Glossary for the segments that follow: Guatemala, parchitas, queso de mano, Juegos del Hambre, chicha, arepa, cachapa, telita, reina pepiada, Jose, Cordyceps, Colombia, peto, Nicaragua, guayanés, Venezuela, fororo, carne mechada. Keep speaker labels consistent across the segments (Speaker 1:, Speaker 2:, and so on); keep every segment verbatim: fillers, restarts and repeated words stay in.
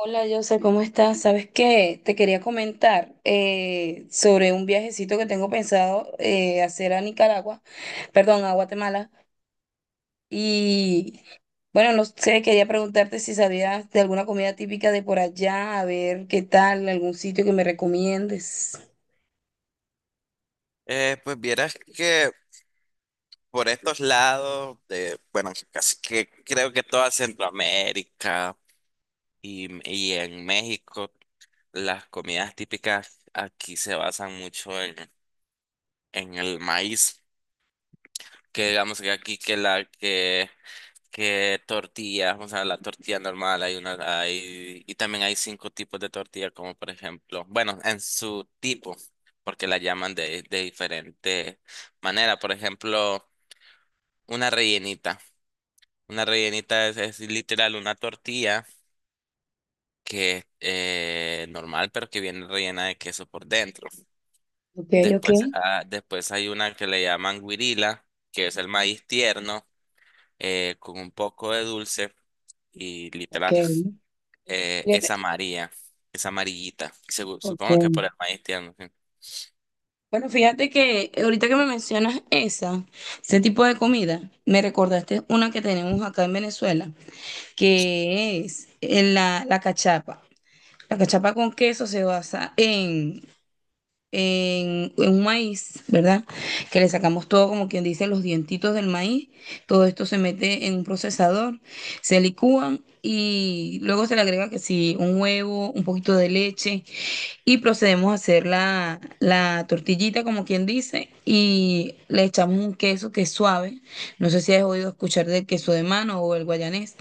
Speaker 1: Hola, Jose, ¿cómo estás? ¿Sabes qué? Te quería comentar eh, sobre un viajecito que tengo pensado eh, hacer a Nicaragua, perdón, a Guatemala. Y bueno, no sé, quería preguntarte si sabías de alguna comida típica de por allá, a ver qué tal, algún sitio que me recomiendes.
Speaker 2: Eh, pues vieras que por estos lados, de, bueno, casi que creo que toda Centroamérica y, y en México, las comidas típicas aquí se basan mucho en, en el maíz, que digamos que aquí que la que, que tortilla, o sea, la tortilla normal, hay una, hay, y también hay cinco tipos de tortilla, como por ejemplo, bueno, en su tipo, porque la llaman de, de diferente manera, por ejemplo, una rellenita. Una rellenita es, es literal una tortilla que es eh, normal, pero que viene rellena de queso por dentro.
Speaker 1: Ok, ok,
Speaker 2: Después, ah, después hay una que le llaman guirila, que es el maíz tierno eh, con un poco de dulce y
Speaker 1: ok.
Speaker 2: literal eh, es
Speaker 1: Fíjate,
Speaker 2: amarilla, es amarillita. Segu-
Speaker 1: ok.
Speaker 2: supongo que por el maíz tierno. Sí.
Speaker 1: Bueno, fíjate que ahorita que me mencionas esa, ese tipo de comida, me recordaste una que tenemos acá en Venezuela, que es en la, la cachapa. La cachapa con queso se basa en, en, en un maíz, ¿verdad? Que le sacamos todo, como quien dice, los dientitos del maíz. Todo esto se mete en un procesador, se licúan y luego se le agrega que sí, un huevo, un poquito de leche y procedemos a hacer la, la tortillita, como quien dice, y le echamos un queso que es suave. No sé si has oído escuchar del queso de mano o el guayanés.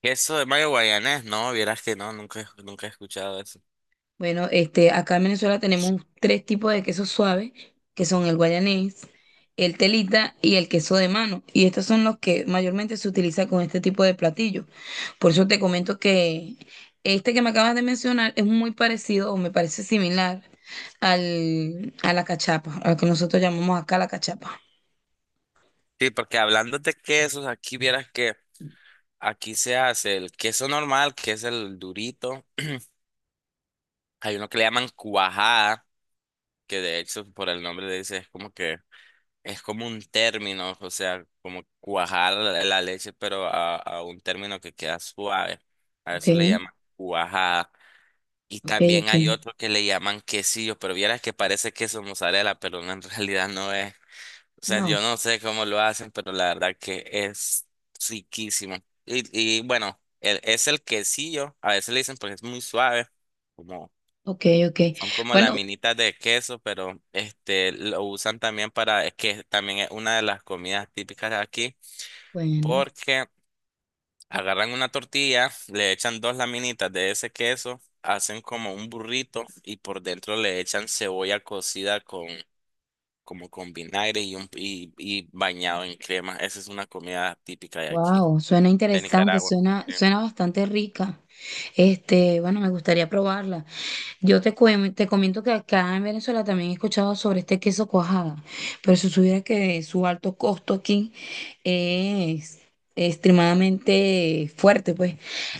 Speaker 2: Queso de mayo guayanés, no, vieras que no, nunca, he- nunca he escuchado eso.
Speaker 1: Bueno, este, acá en Venezuela tenemos tres tipos de quesos suaves, que son el guayanés, el telita y el queso de mano. Y estos son los que mayormente se utiliza con este tipo de platillo. Por eso te comento que este que me acabas de mencionar es muy parecido o me parece similar al, a la cachapa, a lo que nosotros llamamos acá la cachapa.
Speaker 2: Sí, porque hablando de quesos, aquí vieras que Aquí se hace el queso normal, que es el durito. Hay uno que le llaman cuajada, que de hecho por el nombre le dice, es como que Es como un término, o sea, como cuajar la, la leche, pero a, a un término que queda suave. A
Speaker 1: Ok,
Speaker 2: eso le llaman cuajada. Y
Speaker 1: ok,
Speaker 2: también
Speaker 1: ok.
Speaker 2: hay otro que le llaman quesillo, pero vieras que parece queso mozzarella, pero no, en realidad no es. O sea,
Speaker 1: No,
Speaker 2: yo no sé cómo lo hacen, pero la verdad que es riquísimo. Y, y bueno, el- es el quesillo, a veces le dicen porque es muy suave, como,
Speaker 1: ok, ok.
Speaker 2: son como
Speaker 1: Bueno,
Speaker 2: laminitas de queso, pero este lo usan también para, es que también es una de las comidas típicas de aquí,
Speaker 1: bueno.
Speaker 2: porque agarran una tortilla, le echan dos laminitas de ese queso, hacen como un burrito y por dentro le echan cebolla cocida como con vinagre y, un, y, y bañado en crema. Esa es una comida típica de aquí,
Speaker 1: Wow, suena
Speaker 2: de
Speaker 1: interesante,
Speaker 2: Nicaragua.
Speaker 1: suena,
Speaker 2: Sí.
Speaker 1: suena bastante rica. Este, bueno, me gustaría probarla. Yo te, cuen- te comento que acá en Venezuela también he escuchado sobre este queso cuajada, pero si supiera que su alto costo aquí es extremadamente fuerte, pues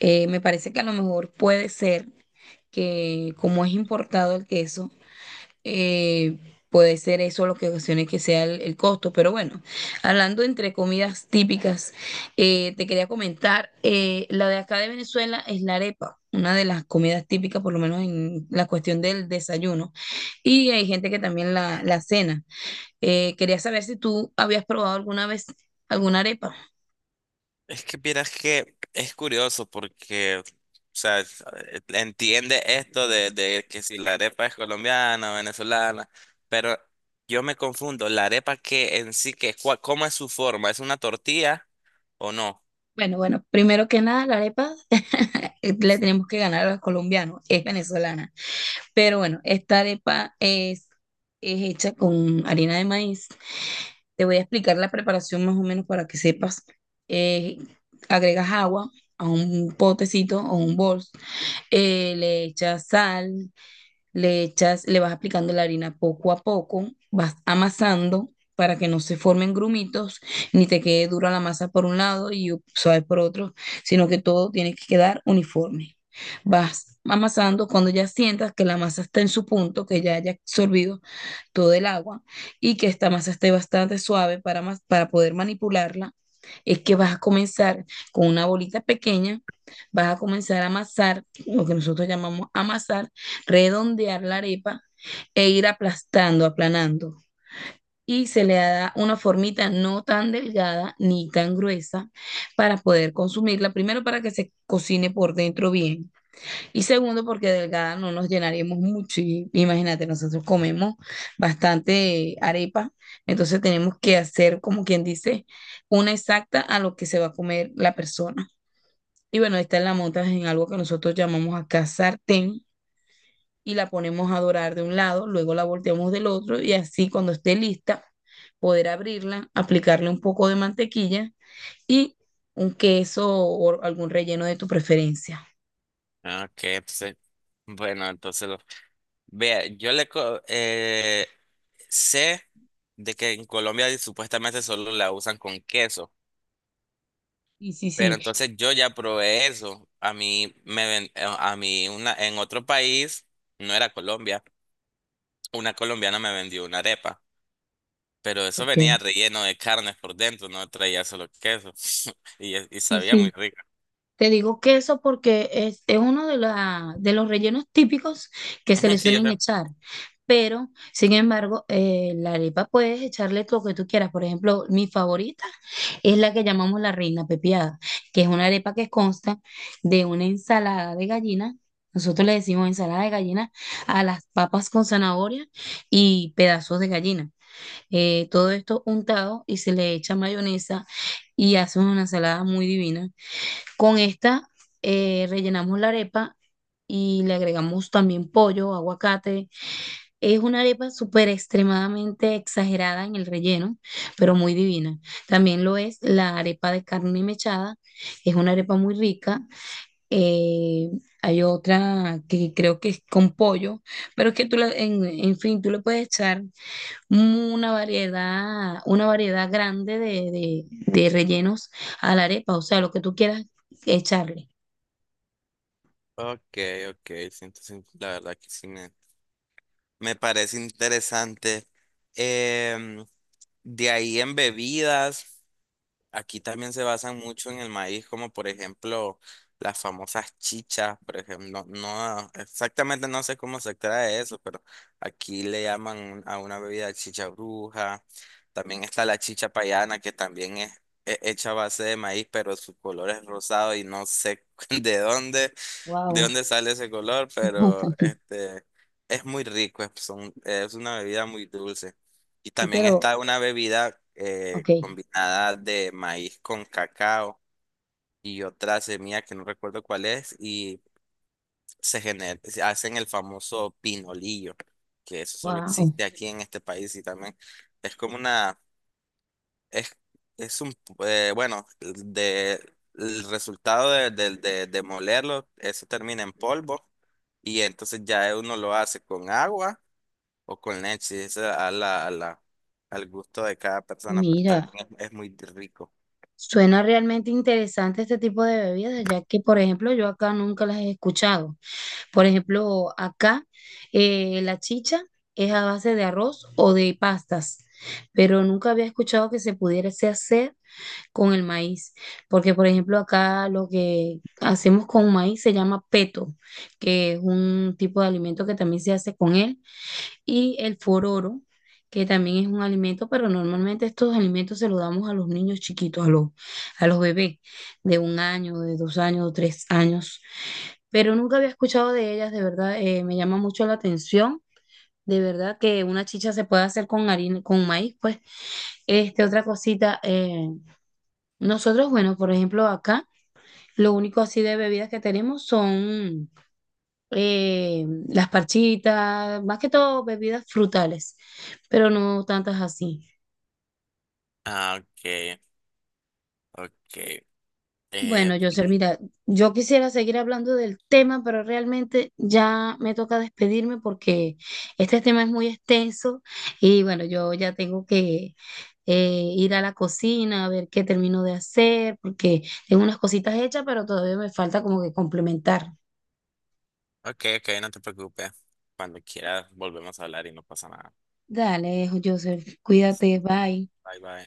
Speaker 1: eh, me parece que a lo mejor puede ser que como es importado el queso, eh, puede ser eso lo que ocasione que sea el, el costo, pero bueno, hablando entre comidas típicas, eh, te quería comentar, eh, la de acá de Venezuela es la arepa, una de las comidas típicas, por lo menos en la cuestión del desayuno, y hay gente que también la, la cena. Eh, quería saber si tú habías probado alguna vez alguna arepa.
Speaker 2: Es que vieras que es curioso porque, o sea, es- eh, entiende esto de, de que si la arepa es colombiana o venezolana, pero yo me confundo, la arepa que en sí, que, cua- ¿cómo es su forma? ¿Es una tortilla o no?
Speaker 1: Bueno, bueno, primero que nada, la arepa eh, le tenemos que ganar a los colombianos, es venezolana. Pero bueno, esta arepa es, es hecha con harina de maíz. Te voy a explicar la preparación más o menos para que sepas. Eh, agregas agua a un potecito o un bol, eh, le echas sal, le echas, le vas aplicando la harina poco a poco, vas amasando para que no se formen grumitos, ni te quede dura la masa por un lado y suave por otro, sino que todo tiene que quedar uniforme. Vas amasando cuando ya sientas que la masa está en su punto, que ya haya absorbido todo el agua y que esta masa esté bastante suave para, mas- para poder manipularla, es que vas a comenzar con una bolita pequeña, vas a comenzar a amasar, lo que nosotros llamamos amasar, redondear la arepa e ir aplastando, aplanando. Y se le da una formita no tan delgada ni tan gruesa para poder consumirla, primero para que se cocine por dentro bien y segundo, porque delgada no nos llenaríamos mucho. Y imagínate, nosotros comemos bastante arepa, entonces tenemos que hacer, como quien dice, una exacta a lo que se va a comer la persona. Y bueno, esta la montas en algo que nosotros llamamos acá sartén y la ponemos a dorar de un lado, luego la volteamos del otro y así cuando esté lista, poder abrirla, aplicarle un poco de mantequilla y un queso o algún relleno de tu preferencia.
Speaker 2: Ah, ok, entonces, bueno, entonces, lo- vea, yo le, co- eh, sé de que en Colombia supuestamente solo la usan con queso,
Speaker 1: Sí, sí,
Speaker 2: pero
Speaker 1: sí.
Speaker 2: entonces yo ya probé eso. A mí me ven- eh, a mí una en otro país, no era Colombia, una colombiana me vendió una arepa, pero eso venía
Speaker 1: Ok.
Speaker 2: relleno de carnes por dentro, no traía solo queso y, y
Speaker 1: Sí,
Speaker 2: sabía muy
Speaker 1: sí,
Speaker 2: rica.
Speaker 1: te digo queso porque es, es uno de, la- de los rellenos típicos que se
Speaker 2: Ujú.
Speaker 1: le
Speaker 2: Sí, yo
Speaker 1: suelen
Speaker 2: sé.
Speaker 1: echar. Pero, sin embargo, eh, la arepa puedes echarle lo que tú quieras. Por ejemplo, mi favorita es la que llamamos la reina pepiada, que es una arepa que consta de una ensalada de gallina. Nosotros le decimos ensalada de gallina a las papas con zanahoria y pedazos de gallina. Eh, todo esto untado y se le echa mayonesa y hace una ensalada muy divina. Con esta eh, rellenamos la arepa y le agregamos también pollo, aguacate. Es una arepa súper extremadamente exagerada en el relleno, pero muy divina. También lo es la arepa de carne mechada. Es una arepa muy rica. Eh, hay otra que creo que es con pollo, pero es que tú, la- en, en fin, tú le puedes echar una variedad, una variedad grande de, de de rellenos a la arepa, o sea, lo que tú quieras echarle.
Speaker 2: Okay, okay, sí, entonces la verdad que sí me, me parece interesante. Em, de ahí en bebidas. Aquí también se basan mucho en el maíz, como por ejemplo las famosas chichas, por ejemplo, no, no, exactamente no sé cómo se trae eso, pero aquí le llaman un- a una bebida chicha bruja. También está la chicha payana, que también es, he- hecha a base de maíz, pero su color es rosado y no sé de dónde, de
Speaker 1: Wow.
Speaker 2: dónde sale ese color, pero este es muy rico, es, son- es una bebida muy dulce. Y
Speaker 1: Y
Speaker 2: también
Speaker 1: pero,
Speaker 2: está una bebida eh,
Speaker 1: ok,
Speaker 2: combinada de maíz con cacao y otra semilla que no recuerdo cuál es, y se genera se hacen el famoso pinolillo, que eso solo
Speaker 1: wow.
Speaker 2: existe aquí en este país y también es como una es, es un, eh, bueno, de, el resultado de, de, de, de molerlo, eso termina en polvo y entonces ya uno lo hace con agua o con leche, eso a la, a la, al gusto de cada persona, pero también
Speaker 1: Mira,
Speaker 2: es, es muy rico.
Speaker 1: suena realmente interesante este tipo de bebidas, ya que, por ejemplo, yo acá nunca las he escuchado. Por ejemplo, acá eh, la chicha es a base de arroz o de pastas, pero nunca había escuchado que se pudiese hacer con el maíz, porque, por ejemplo, acá lo que hacemos con maíz se llama peto, que es un tipo de alimento que también se hace con él. Y el fororo, que también es un alimento, pero normalmente estos alimentos se los damos a los niños chiquitos, a los, a los bebés de un año, de dos años, de tres años. Pero nunca había escuchado de ellas, de verdad, eh, me llama mucho la atención. De verdad que una chicha se puede hacer con harina, con maíz, pues. Este, otra cosita, eh, nosotros, bueno, por ejemplo, acá, lo único así de bebidas que tenemos son eh, las parchitas, más que todo bebidas frutales, pero no tantas así.
Speaker 2: Ah, ok, ok.
Speaker 1: Bueno,
Speaker 2: Eh,
Speaker 1: José,
Speaker 2: y-
Speaker 1: mira, yo quisiera seguir hablando del tema, pero realmente ya me toca despedirme porque este tema es muy extenso y bueno, yo ya tengo que eh, ir a la cocina a ver qué termino de hacer porque tengo unas cositas hechas, pero todavía me falta como que complementar.
Speaker 2: ok, ok, no te preocupes. Cuando quieras volvemos a hablar y no pasa nada.
Speaker 1: Dale, José, cuídate,
Speaker 2: Listo.
Speaker 1: bye.
Speaker 2: Bye, bye.